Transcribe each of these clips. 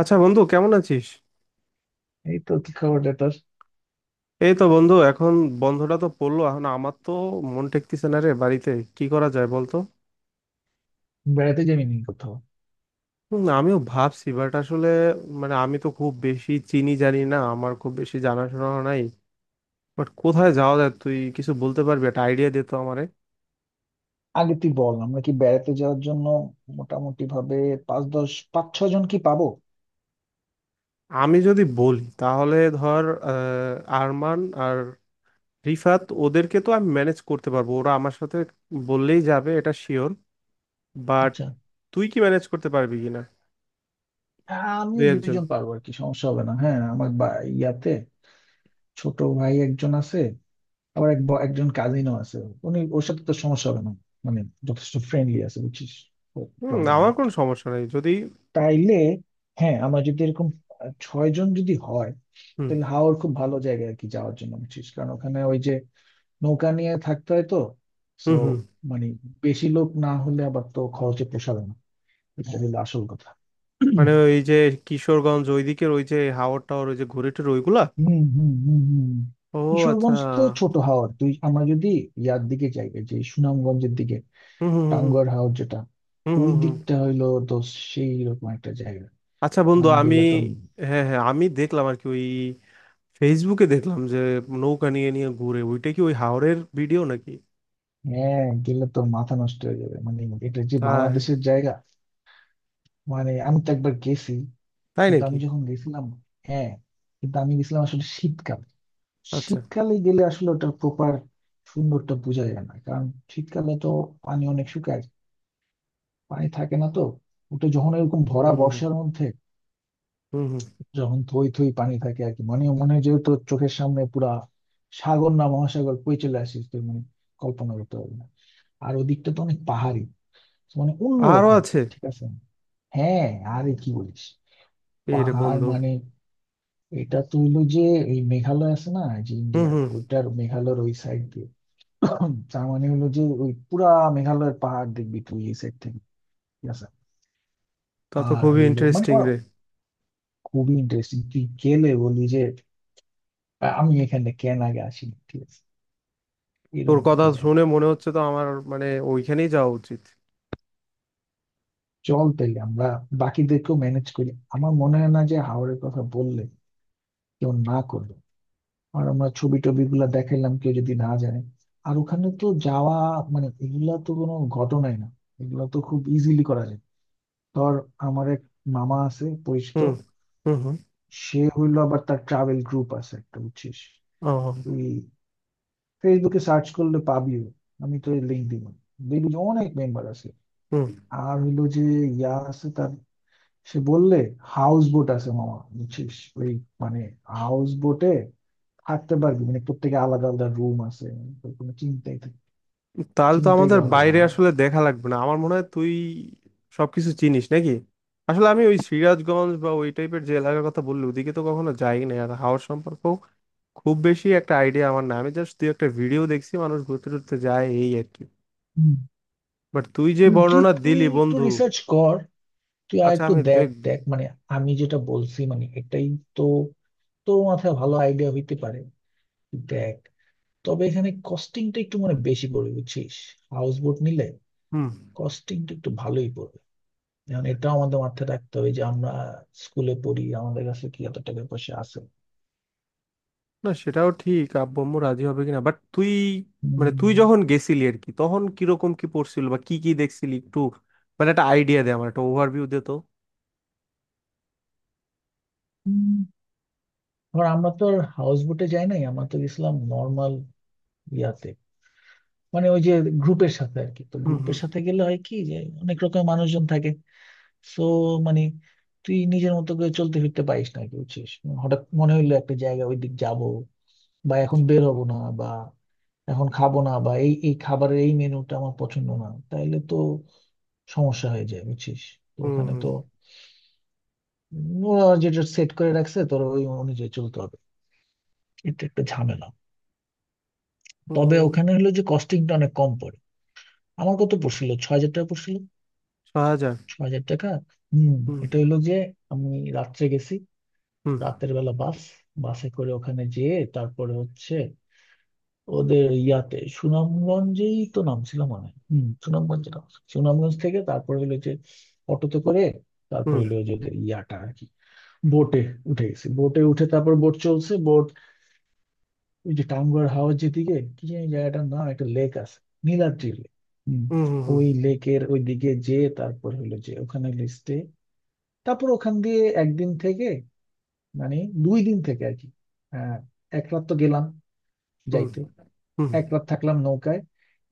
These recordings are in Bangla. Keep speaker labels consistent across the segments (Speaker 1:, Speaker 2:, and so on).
Speaker 1: আচ্ছা বন্ধু, কেমন আছিস?
Speaker 2: এই তো কি খবর রে তোর?
Speaker 1: এই তো বন্ধু, এখন বন্ধটা তো পড়লো, এখন আমার তো মন টেকতেছে না রে বাড়িতে। কি করা যায় বলতো?
Speaker 2: বেড়াতে যাবি নি কোথাও?
Speaker 1: হুম, আমিও ভাবছি, বাট আসলে মানে আমি তো খুব বেশি চিনি জানি না, আমার খুব বেশি জানাশোনা নাই। বাট কোথায় যাওয়া যায়, তুই কিছু বলতে পারবি? একটা আইডিয়া দে তো আমারে।
Speaker 2: আগে তুই বল, আমরা কি বেড়াতে যাওয়ার জন্য মোটামুটি ভাবে পাঁচ দশ, পাঁচ ছ জন কি পাবো?
Speaker 1: আমি যদি বলি তাহলে ধর, আহ, আরমান আর রিফাত, ওদেরকে তো আমি ম্যানেজ করতে পারবো, ওরা আমার সাথে বললেই যাবে, এটা শিওর। বাট
Speaker 2: আচ্ছা।
Speaker 1: তুই কি ম্যানেজ করতে পারবি কিনা
Speaker 2: হ্যাঁ,
Speaker 1: দু
Speaker 2: আমিও দুইজন
Speaker 1: একজনকে?
Speaker 2: পারবো আর কি, সমস্যা হবে না। হ্যাঁ, আমার ইয়াতে ছোট ভাই একজন আছে। আবার একজন কাজিনও আছে। উনি ওর সাথে তো সমস্যা হবে না, মানে যথেষ্ট ফ্রেন্ডলি আছে, বুঝছিস।
Speaker 1: হুম,
Speaker 2: প্রবলেম
Speaker 1: আমার
Speaker 2: নেই
Speaker 1: কোনো সমস্যা নেই যদি।
Speaker 2: তাইলে। হ্যাঁ, আমরা যদি এরকম ছয় জন যদি হয়,
Speaker 1: হুম
Speaker 2: তাহলে হাওড় খুব ভালো জায়গা আর কি যাওয়ার জন্য, বুঝছিস, কারণ ওখানে ওই যে নৌকা নিয়ে থাকতে হয় তো। সো
Speaker 1: হুম হুম।
Speaker 2: মানে, বেশি লোক না হলে আবার তো খরচে পোষাবে না, এটা হলো আসল কথা।
Speaker 1: মানে ওই যে কিশোরগঞ্জ ওইদিকের ওই যে হাওর টাওয়ার ওই যে ঘুরে টুরে ওইগুলা?
Speaker 2: হুম, হুম, হুম, হুম।
Speaker 1: ও, আচ্ছা।
Speaker 2: কিশোরগঞ্জ তো ছোট হাওর, তুই, আমরা যদি ইয়ার দিকে যাই, এই যে সুনামগঞ্জের দিকে,
Speaker 1: হুম হুম হুম হুম।
Speaker 2: টাঙ্গুয়ার হাওর যেটা,
Speaker 1: হুম
Speaker 2: ওই
Speaker 1: হুম হুম।
Speaker 2: দিকটা হইলো তো সেই রকম একটা জায়গা,
Speaker 1: আচ্ছা বন্ধু,
Speaker 2: মানে
Speaker 1: আমি
Speaker 2: গেলে তো।
Speaker 1: হ্যাঁ হ্যাঁ, আমি দেখলাম আর কি, ওই ফেসবুকে দেখলাম যে নৌকা নিয়ে নিয়ে ঘুরে, ওইটা কি ওই হাওরের ভিডিও নাকি?
Speaker 2: হ্যাঁ, গেলে তো মাথা নষ্ট হয়ে যাবে, মানে এটা যে
Speaker 1: তাই?
Speaker 2: বাংলাদেশের জায়গা। মানে আমি তো একবার গেছি।
Speaker 1: তাই
Speaker 2: কিন্তু
Speaker 1: নাকি?
Speaker 2: আমি যখন গেছিলাম, হ্যাঁ, কিন্তু আমি গেছিলাম আসলে শীতকাল।
Speaker 1: আচ্ছা।
Speaker 2: শীতকালে গেলে আসলে ওটার প্রপার সুন্দরটা বোঝা যায় না, কারণ শীতকালে তো পানি অনেক শুকায়, পানি থাকে না তো। ওটা যখন এরকম ভরা
Speaker 1: হুম হুম হুম
Speaker 2: বর্ষার মধ্যে,
Speaker 1: হুম। হুম।
Speaker 2: যখন থই থই পানি থাকে আর কি, মানে মনে হয় যে তোর চোখের সামনে পুরা সাগর না মহাসাগর বয়ে চলে আসিস তুই, মানে কল্পনা করতে পারবি না। আর ওদিকটা তো অনেক পাহাড়ি, মানে
Speaker 1: আরো
Speaker 2: অন্যরকম।
Speaker 1: আছে?
Speaker 2: ঠিক আছে, হ্যাঁ। আরে কি বলিস,
Speaker 1: এই রে
Speaker 2: পাহাড়
Speaker 1: বন্ধু।
Speaker 2: মানে এটা তো হইলো যে এই মেঘালয় আছে না, যে
Speaker 1: হুম
Speaker 2: ইন্ডিয়ার
Speaker 1: হুম।
Speaker 2: ওইটার মেঘালয়ের ওই সাইড দিয়ে। তার মানে হলো যে ওই পুরা মেঘালয়ের পাহাড় দেখবি তুই এই সাইড থেকে, ঠিক আছে।
Speaker 1: তা তো
Speaker 2: আর
Speaker 1: খুবই
Speaker 2: হইলো মানে
Speaker 1: ইন্টারেস্টিং
Speaker 2: ওরা,
Speaker 1: রে।
Speaker 2: খুবই ইন্টারেস্টিং, তুই গেলে বলি যে আমি এখানে কেন আগে আসিনি, ঠিক আছে,
Speaker 1: তোর
Speaker 2: এরকম
Speaker 1: কথা
Speaker 2: একটি জায়গা।
Speaker 1: শুনে মনে হচ্ছে তো আমার, মানে ওইখানেই যাওয়া উচিত।
Speaker 2: চল তাইলে আমরা বাকিদেরকেও ম্যানেজ করি। আমার মনে হয় না যে হাওড়ের কথা বললে কেউ না করবে। আর আমরা ছবি টবি গুলা দেখাইলাম, কেউ যদি না জানে। আর ওখানে তো যাওয়া, মানে এগুলা তো কোনো ঘটনাই না, এগুলা তো খুব ইজিলি করা যায়। ধর, আমার এক মামা আছে পরিচিত।
Speaker 1: হুম হুম হুম।
Speaker 2: সে হইলো, আবার তার ট্রাভেল গ্রুপ আছে একটা, বুঝছিস।
Speaker 1: ও।
Speaker 2: তুই ফেসবুকে সার্চ করলে পাবিও, আমি তো লিঙ্ক দিব, দেখবি যে অনেক মেম্বার আছে।
Speaker 1: হুম।
Speaker 2: আর হইলো যে ইয়া আছে তার, সে বললে হাউস বোট আছে মামা, বুঝছিস, ওই মানে হাউস বোটে থাকতে পারবি, মানে প্রত্যেকে আলাদা আলাদা রুম আছে। তোর কোনো
Speaker 1: তাহলে তো
Speaker 2: চিন্তাই
Speaker 1: আমাদের
Speaker 2: করা লাগবে
Speaker 1: বাইরে
Speaker 2: না।
Speaker 1: আসলে দেখা লাগবে না আমার মনে হয়, তুই সবকিছু চিনিস নাকি? আসলে আমি ওই সিরাজগঞ্জ বা ওই টাইপের যে এলাকার কথা বললি ওদিকে তো কখনো যাইনি না, আর হাওর সম্পর্কেও খুব বেশি একটা আইডিয়া আমার না, আমি জাস্ট তুই একটা ভিডিও দেখছি মানুষ ঘুরতে টুরতে যায় এই আর কি।
Speaker 2: হুম,
Speaker 1: বাট তুই যে
Speaker 2: হুম, তুই
Speaker 1: বর্ণনা
Speaker 2: তুই
Speaker 1: দিলি
Speaker 2: একটু
Speaker 1: বন্ধু।
Speaker 2: রিসার্চ কর, তুই আর
Speaker 1: আচ্ছা
Speaker 2: একটু
Speaker 1: আমি
Speaker 2: দেখ
Speaker 1: দেখবো।
Speaker 2: দেখ, মানে আমি যেটা বলছি মানে এটাই, তো তোর মাথায় ভালো আইডিয়া হইতে পারে, দেখ। তবে এখানে কস্টিংটা একটু মানে বেশি পড়বে, বুঝছিস, হাউস বোট নিলে
Speaker 1: হুম।
Speaker 2: কস্টিংটা একটু ভালোই পড়বে। এখন এটাও আমাদের মাথায় রাখতে হবে যে আমরা স্কুলে পড়ি, আমাদের কাছে কি এত টাকা পয়সা আছে।
Speaker 1: না সেটাও ঠিক, আব্বু আম্মু রাজি হবে কিনা। বাট তুই মানে
Speaker 2: উম,
Speaker 1: তুই যখন গেছিলি আর কি, তখন কিরকম কি পড়ছিল বা কি কি দেখছিলি একটু, মানে একটা আইডিয়া দে, আমার একটা ওভারভিউ দে তো।
Speaker 2: উম, ধর আমরা তো হাউস বোটে যাই নাই, আমরা তো গেছিলাম নর্মাল ইয়াতে, মানে ওই যে গ্রুপের সাথে আর কি। তো
Speaker 1: হুম হুম
Speaker 2: গ্রুপের সাথে গেলে হয় কি যে অনেক রকম মানুষজন থাকে। সো মানে তুই নিজের মতো করে চলতে ফিরতে পারিস না আর কি, বুঝছিস। হঠাৎ মনে হইলো একটা জায়গা ওই দিক যাবো, বা এখন বের হবো না, বা এখন খাবো না, বা এই এই খাবারের এই মেনুটা আমার পছন্দ না, তাইলে তো সমস্যা হয়ে যায়, বুঝছিস। তো
Speaker 1: হুম
Speaker 2: ওখানে
Speaker 1: হুম।
Speaker 2: তো ওরা যেটা সেট করে রাখছে তোর, ওই অনুযায়ী চলতে হবে, এটা একটা ঝামেলা।
Speaker 1: হুম
Speaker 2: তবে
Speaker 1: হুম,
Speaker 2: ওখানে হলো যে কস্টিংটা অনেক কম পড়ে। আমার কত পড়ছিল? 6,000 টাকা পড়ছিল,
Speaker 1: 6,000?
Speaker 2: ছয় হাজার টাকা। হম।
Speaker 1: হুম
Speaker 2: এটা হলো যে আমি রাত্রে গেছি,
Speaker 1: হুম
Speaker 2: রাতের বেলা বাসে করে ওখানে যেয়ে, তারপরে হচ্ছে ওদের ইয়াতে, সুনামগঞ্জেই তো নামছিল মনে হয়, হম, সুনামগঞ্জে নামছিল। সুনামগঞ্জ থেকে তারপরে হলো যে অটোতে করে,
Speaker 1: হুম
Speaker 2: তারপরে হলো যে ওদের ইয়াটা আর কি, বোটে উঠে গেছি, বোটে উঠে তারপর বোট চলছে বোট। ওই যে টাঙ্গুয়ার হাওর, যেদিকে কি জানি জায়গাটার নাম, একটা লেক আছে, নীলাদ্রি লেক। হম।
Speaker 1: হুম। হুম
Speaker 2: ওই লেকের ওই দিকে যে, তারপর হলো যে ওখানে লিস্টে, তারপর ওখান দিয়ে একদিন থেকে, মানে দুই দিন থেকে আর কি। আহ এক রাত তো গেলাম
Speaker 1: হুম
Speaker 2: যাইতে,
Speaker 1: হুম
Speaker 2: এক রাত থাকলাম নৌকায়,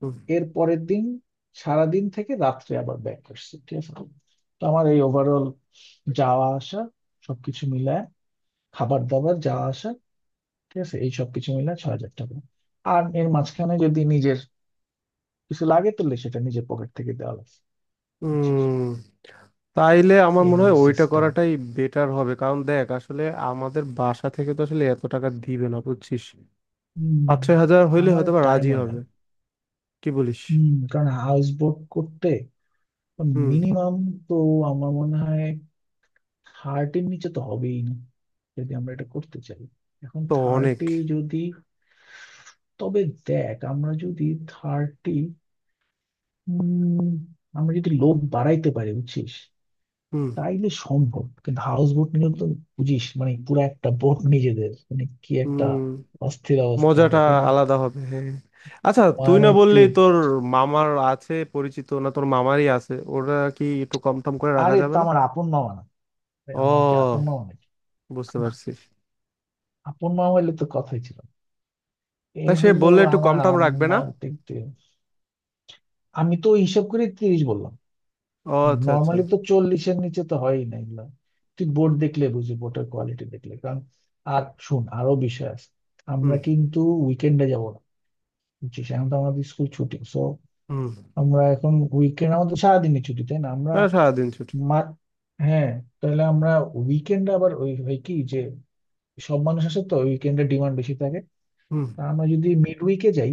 Speaker 1: হুম
Speaker 2: এর পরের দিন সারাদিন থেকে রাত্রে আবার ব্যাক আসছি, ঠিক আছে। তো আমার এই ওভারঅল যাওয়া আসা সবকিছু মিলায়, খাবার দাবার যাওয়া আসা, ঠিক আছে, এই সবকিছু মিলায় 6,000 টাকা। আর এর মাঝখানে যদি নিজের কিছু লাগে তাহলে সেটা নিজের পকেট থেকে দেওয়া লাগছে। বুঝছিস?
Speaker 1: হুম। তাইলে আমার
Speaker 2: এই
Speaker 1: মনে
Speaker 2: হলো
Speaker 1: হয় ওইটা
Speaker 2: সিস্টেম।
Speaker 1: করাটাই বেটার হবে, কারণ দেখ আসলে আমাদের বাসা থেকে তো আসলে এত টাকা দিবে না, বুঝছিস।
Speaker 2: হম।
Speaker 1: 5-6 হাজার হইলে
Speaker 2: আমারও
Speaker 1: হয়তো বা
Speaker 2: তাই
Speaker 1: রাজি
Speaker 2: মনে
Speaker 1: হবে।
Speaker 2: হয়।
Speaker 1: কি বলিস?
Speaker 2: হম, কারণ হাউস বোট করতে
Speaker 1: হুম।
Speaker 2: মিনিমাম তো আমার মনে হয় 30-এর নিচে তো হবেই না, যদি আমরা এটা করতে চাই। এখন
Speaker 1: তো অনেক।
Speaker 2: 30, যদি, তবে দেখ, আমরা যদি 30, আমরা যদি লোক বাড়াইতে পারি, বুঝছিস,
Speaker 1: হুম
Speaker 2: তাইলে সম্ভব। কিন্তু হাউস বোট নিলে তো বুঝিস মানে পুরো একটা বোট নিজেদের, মানে কি একটা
Speaker 1: হুম।
Speaker 2: অস্থির অবস্থা
Speaker 1: মজাটা
Speaker 2: হবে তাই না,
Speaker 1: আলাদা হবে, হ্যাঁ হ্যাঁ। আচ্ছা তুই না
Speaker 2: মানে
Speaker 1: বললি
Speaker 2: তুই।
Speaker 1: তোর মামার আছে পরিচিত, না তোর মামারই আছে, ওরা কি একটু কম টম করে রাখা
Speaker 2: আরে,
Speaker 1: যাবে
Speaker 2: তো
Speaker 1: না?
Speaker 2: আমার আপন মামা না, এই আমার কি আপন
Speaker 1: ও,
Speaker 2: মামা নাকি।
Speaker 1: বুঝতে পারছি।
Speaker 2: আপন মামা হইলে তো কথাই ছিল না। এ
Speaker 1: তা সে
Speaker 2: হইলো
Speaker 1: বললে একটু কম
Speaker 2: আমার
Speaker 1: টম রাখবে না?
Speaker 2: আমার দেখতে, আমি তো হিসাব করে 30 বললাম।
Speaker 1: ও আচ্ছা আচ্ছা।
Speaker 2: নর্মালি তো 40-এর নিচে তো হয়ই না এগুলো। তুই বোর্ড দেখলে বুঝি বোর্ডের কোয়ালিটি দেখলে, কারণ আর শুন আরো বিষয় আছে। আমরা
Speaker 1: হুম
Speaker 2: কিন্তু উইকেন্ডে যাব না, বুঝছিস, এখন তো আমাদের স্কুল ছুটি, সো
Speaker 1: হুম।
Speaker 2: আমরা এখন উইকেন্ড আমাদের সারাদিনই ছুটি তাই না আমরা,
Speaker 1: না, সারাদিন ছুটি।
Speaker 2: মার, হ্যাঁ। তাহলে আমরা উইকেন্ডে আবার ওই হয় কি যে সব মানুষ আসে তো উইকেন্ডে, ডিমান্ড বেশি থাকে।
Speaker 1: হুম
Speaker 2: তা আমরা যদি মিড উইকে যাই,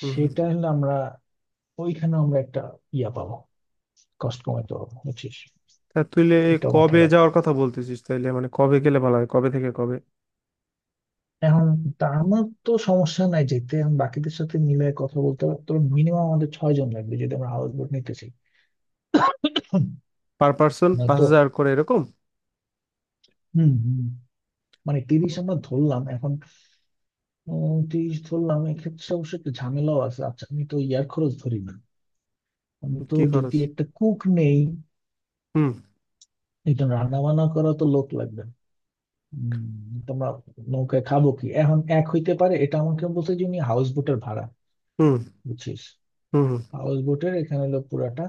Speaker 1: হুম হুম।
Speaker 2: সেটা হলে আমরা ওইখানে আমরা একটা ইয়া পাবো, কষ্ট কমাইতে পারবো, বুঝছিস,
Speaker 1: তা
Speaker 2: এটা মাথায়
Speaker 1: কবে
Speaker 2: রাখ।
Speaker 1: যাওয়ার কথা বলতেছিস তাইলে, মানে কবে গেলে ভালো হয়, কবে থেকে কবে?
Speaker 2: এখন তা আমার তো সমস্যা নাই যেতে, এখন বাকিদের সাথে মিলে কথা বলতে হবে। তবে মিনিমাম আমাদের ছয় জন লাগবে যদি আমরা হাউস বোট নিতে চাই। হুম।
Speaker 1: পার পার্সন পাঁচ
Speaker 2: নয়তো।
Speaker 1: হাজার করে এরকম?
Speaker 2: হুম, হুম। মানে 30 আমরা ধরলাম এখন, 30 ধরলাম, এক্ষেত্রে অবশ্য একটু ঝামেলাও আছে। আচ্ছা আমি তো ইয়ার খরচ ধরি না, আমি তো
Speaker 1: কি
Speaker 2: যদি
Speaker 1: খরচ?
Speaker 2: একটা কুক নেই,
Speaker 1: হুম
Speaker 2: একজন রান্না বান্না করা তো লোক লাগবে। উম, তোমরা নৌকায় খাবো কি এখন, এক হইতে পারে এটা আমাকে বলছে যে উনি হাউস বোটের ভাড়া,
Speaker 1: হুম
Speaker 2: বুঝছিস,
Speaker 1: হুম।
Speaker 2: হাউস বোটের এখানে হলো পুরাটা,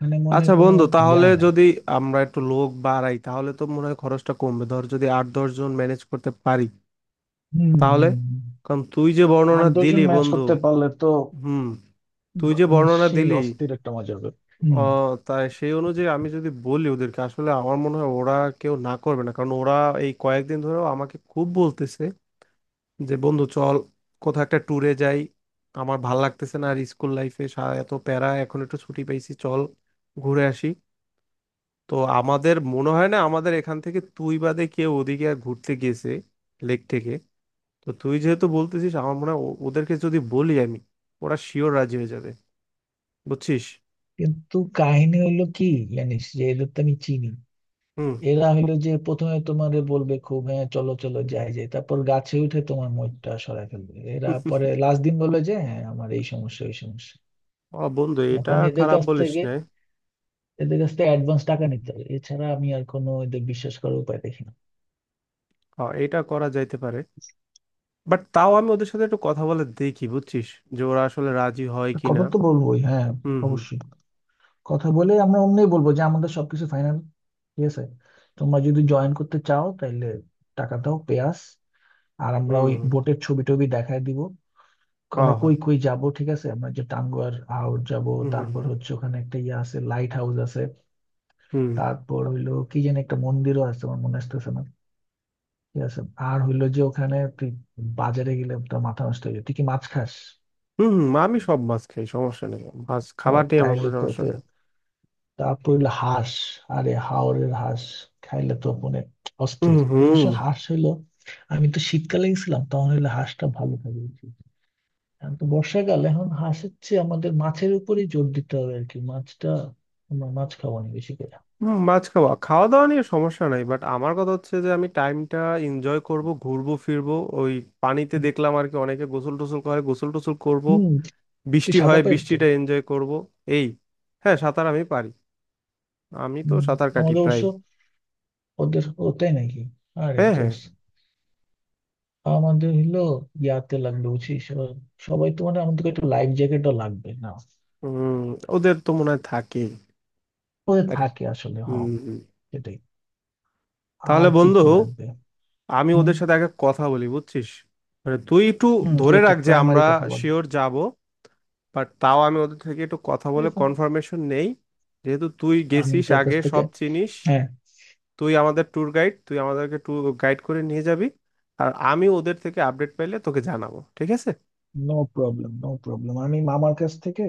Speaker 2: মানে মনে হয়
Speaker 1: আচ্ছা
Speaker 2: কোনো
Speaker 1: বন্ধু,
Speaker 2: ইয়া
Speaker 1: তাহলে
Speaker 2: নাই।
Speaker 1: যদি আমরা একটু লোক বাড়াই তাহলে তো মনে হয় খরচটা কমবে, ধর যদি 8-10 জন ম্যানেজ করতে পারি
Speaker 2: হম,
Speaker 1: তাহলে,
Speaker 2: হম,
Speaker 1: কারণ তুই যে
Speaker 2: আট
Speaker 1: বর্ণনা
Speaker 2: দশজন
Speaker 1: দিলি
Speaker 2: ম্যাচ
Speaker 1: বন্ধু।
Speaker 2: করতে পারলে তো,
Speaker 1: হুম। তুই
Speaker 2: বা-
Speaker 1: যে বর্ণনা
Speaker 2: সেই
Speaker 1: দিলি
Speaker 2: অস্থির একটা মজা হবে। হম।
Speaker 1: আহ তাই, সেই অনুযায়ী আমি যদি বলি ওদেরকে, আসলে আমার মনে হয় ওরা কেউ না করবে না, কারণ ওরা এই কয়েকদিন ধরেও আমাকে খুব বলতেছে যে, বন্ধু চল কোথাও একটা ট্যুরে যাই, আমার ভাল লাগতেছে না আর, স্কুল লাইফে এত প্যারা, এখন একটু ছুটি পেয়েছি, চল ঘুরে আসি। তো আমাদের মনে হয় না আমাদের এখান থেকে তুই বাদে কেউ ওদিকে আর ঘুরতে গেছে, লেক থেকে। তো তুই যেহেতু বলতেছিস আমার মনে হয় ওদেরকে যদি বলি আমি, ওরা শিওর রাজি হয়ে যাবে, বুঝছিস।
Speaker 2: কিন্তু কাহিনী হইলো কি জানিস, যে এদের তো আমি চিনি।
Speaker 1: হুম।
Speaker 2: এরা হইলো যে প্রথমে তোমারে বলবে খুব, হ্যাঁ চলো চলো যাই যাই, তারপর গাছে উঠে তোমার মইটা সরায় ফেলবে এরা, পরে লাস্ট দিন বলে যে হ্যাঁ আমার এই সমস্যা ওই সমস্যা।
Speaker 1: ও বন্ধু এটা
Speaker 2: এখন
Speaker 1: খারাপ বলিস না।
Speaker 2: এদের কাছ থেকে অ্যাডভান্স টাকা নিতে হবে, এছাড়া আমি আর কোনো এদের বিশ্বাস করার উপায় দেখি না।
Speaker 1: হ্যাঁ, এটা করা যাইতে পারে, বাট তাও আমি ওদের সাথে একটু কথা বলে দেখি বুঝছিস, যে ওরা আসলে রাজি হয় কিনা।
Speaker 2: কথা তো বলবোই, হ্যাঁ,
Speaker 1: হুম হুম
Speaker 2: অবশ্যই। কথা বলে আমরা অমনি বলবো যে আমাদের সবকিছু ফাইনাল, ঠিক আছে, তোমরা যদি জয়েন করতে চাও তাহলে টাকা দাও পেয়াস। আর আমরা ওই
Speaker 1: হুম।
Speaker 2: বোটের ছবি টবি দেখায় দিব।
Speaker 1: হ্যাঁ
Speaker 2: আমরা
Speaker 1: হ্যাঁ।
Speaker 2: কই কই যাব, ঠিক আছে, আমরা যে টাঙ্গুয়ার আউট যাব।
Speaker 1: হুম হুম
Speaker 2: তারপর হচ্ছে ওখানে একটা ইয়ে আছে, লাইট হাউস আছে।
Speaker 1: হুম
Speaker 2: তারপর হইলো কি যেন একটা মন্দিরও আছে, আমার মনে আসতেছে না, ঠিক আছে। আর হইলো যে ওখানে তুই বাজারে গেলে তোর মাথা নষ্ট হয়ে যায়। তুই কি মাছ খাস?
Speaker 1: হুম। হুম হুম, আমি সব মাছ খাই, সমস্যা নেই। মাছ খাবার নিয়ে আমার
Speaker 2: তাইলে
Speaker 1: কোনো
Speaker 2: তো,
Speaker 1: সমস্যা নেই।
Speaker 2: তারপর হইলো হাঁস। আরে হাওরের হাঁস খাইলে তো মানে
Speaker 1: হুম
Speaker 2: অস্থির, অবশ্য
Speaker 1: হুম
Speaker 2: হাঁস হইলো, আমি তো শীতকালে গেছিলাম তখন হইলো হাঁসটা ভালো থাকে বেশি। এখন তো বর্ষাকাল, এখন হাঁসের চেয়ে আমাদের মাছের উপরেই জোর দিতে হবে আর কি, মাছটা, আমরা মাছ খাবো না বেশি করে।
Speaker 1: হুম। মাছ খাওয়া খাওয়া দাওয়া নিয়ে সমস্যা নাই, বাট আমার কথা হচ্ছে যে আমি টাইমটা এনজয় করব, ঘুরবো ফিরবো। ওই পানিতে দেখলাম আর কি অনেকে গোসল টোসল করে, গোসল টোসল করব।
Speaker 2: হম। তুই
Speaker 1: বৃষ্টি
Speaker 2: সাদা
Speaker 1: হয়,
Speaker 2: পাইস তো?
Speaker 1: বৃষ্টিটা এনজয় করব। এই হ্যাঁ, সাঁতার আমি পারি, আমি তো
Speaker 2: হম।
Speaker 1: সাঁতার কাটি
Speaker 2: আমাদের অবশ্য,
Speaker 1: প্রায়।
Speaker 2: ওদের, ও তাই নাকি, আরে
Speaker 1: হ্যাঁ হ্যাঁ।
Speaker 2: জোস। আমাদের হইলো ইয়াতে লাগবে, বুঝছিস, ও সবাই তো মানে আমাদের একটা লাইফ জ্যাকেটও লাগবে না।
Speaker 1: উম ওদের তো মনে হয় থাকে।
Speaker 2: ওদের
Speaker 1: আরে।
Speaker 2: থাকে আসলে,
Speaker 1: হুম
Speaker 2: হ্যাঁ
Speaker 1: হুম।
Speaker 2: সেটাই।
Speaker 1: তাহলে
Speaker 2: আর কি
Speaker 1: বন্ধু,
Speaker 2: কি লাগবে।
Speaker 1: আমি
Speaker 2: হুম,
Speaker 1: ওদের সাথে আগে কথা বলি বুঝছিস, মানে তুই একটু
Speaker 2: হুম, তুই
Speaker 1: ধরে
Speaker 2: একটা
Speaker 1: রাখ যে
Speaker 2: প্রাইমারি
Speaker 1: আমরা
Speaker 2: কথা বল,
Speaker 1: শিওর যাব, বাট তাও আমি ওদের থেকে একটু কথা
Speaker 2: ঠিক
Speaker 1: বলে
Speaker 2: আছে,
Speaker 1: কনফার্মেশন নেই। যেহেতু তুই
Speaker 2: আমি
Speaker 1: গেছিস
Speaker 2: তোর কাছ
Speaker 1: আগে
Speaker 2: থেকে,
Speaker 1: সব চিনিস,
Speaker 2: হ্যাঁ,
Speaker 1: তুই আমাদের ট্যুর গাইড, তুই আমাদেরকে ট্যুর গাইড করে নিয়ে যাবি। আর আমি ওদের থেকে আপডেট পেলে তোকে জানাবো, ঠিক আছে।
Speaker 2: No problem, no problem. আমি মামার কাছ থেকে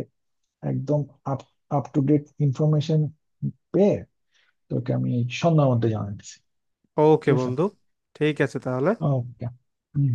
Speaker 2: একদম up up to date information পেয়ে তোকে আমি সন্ধ্যার মধ্যে জানাচ্ছি।
Speaker 1: ওকে
Speaker 2: ঠিক আছে।
Speaker 1: বন্ধু। ঠিক আছে তাহলে।
Speaker 2: ওকে। হুম।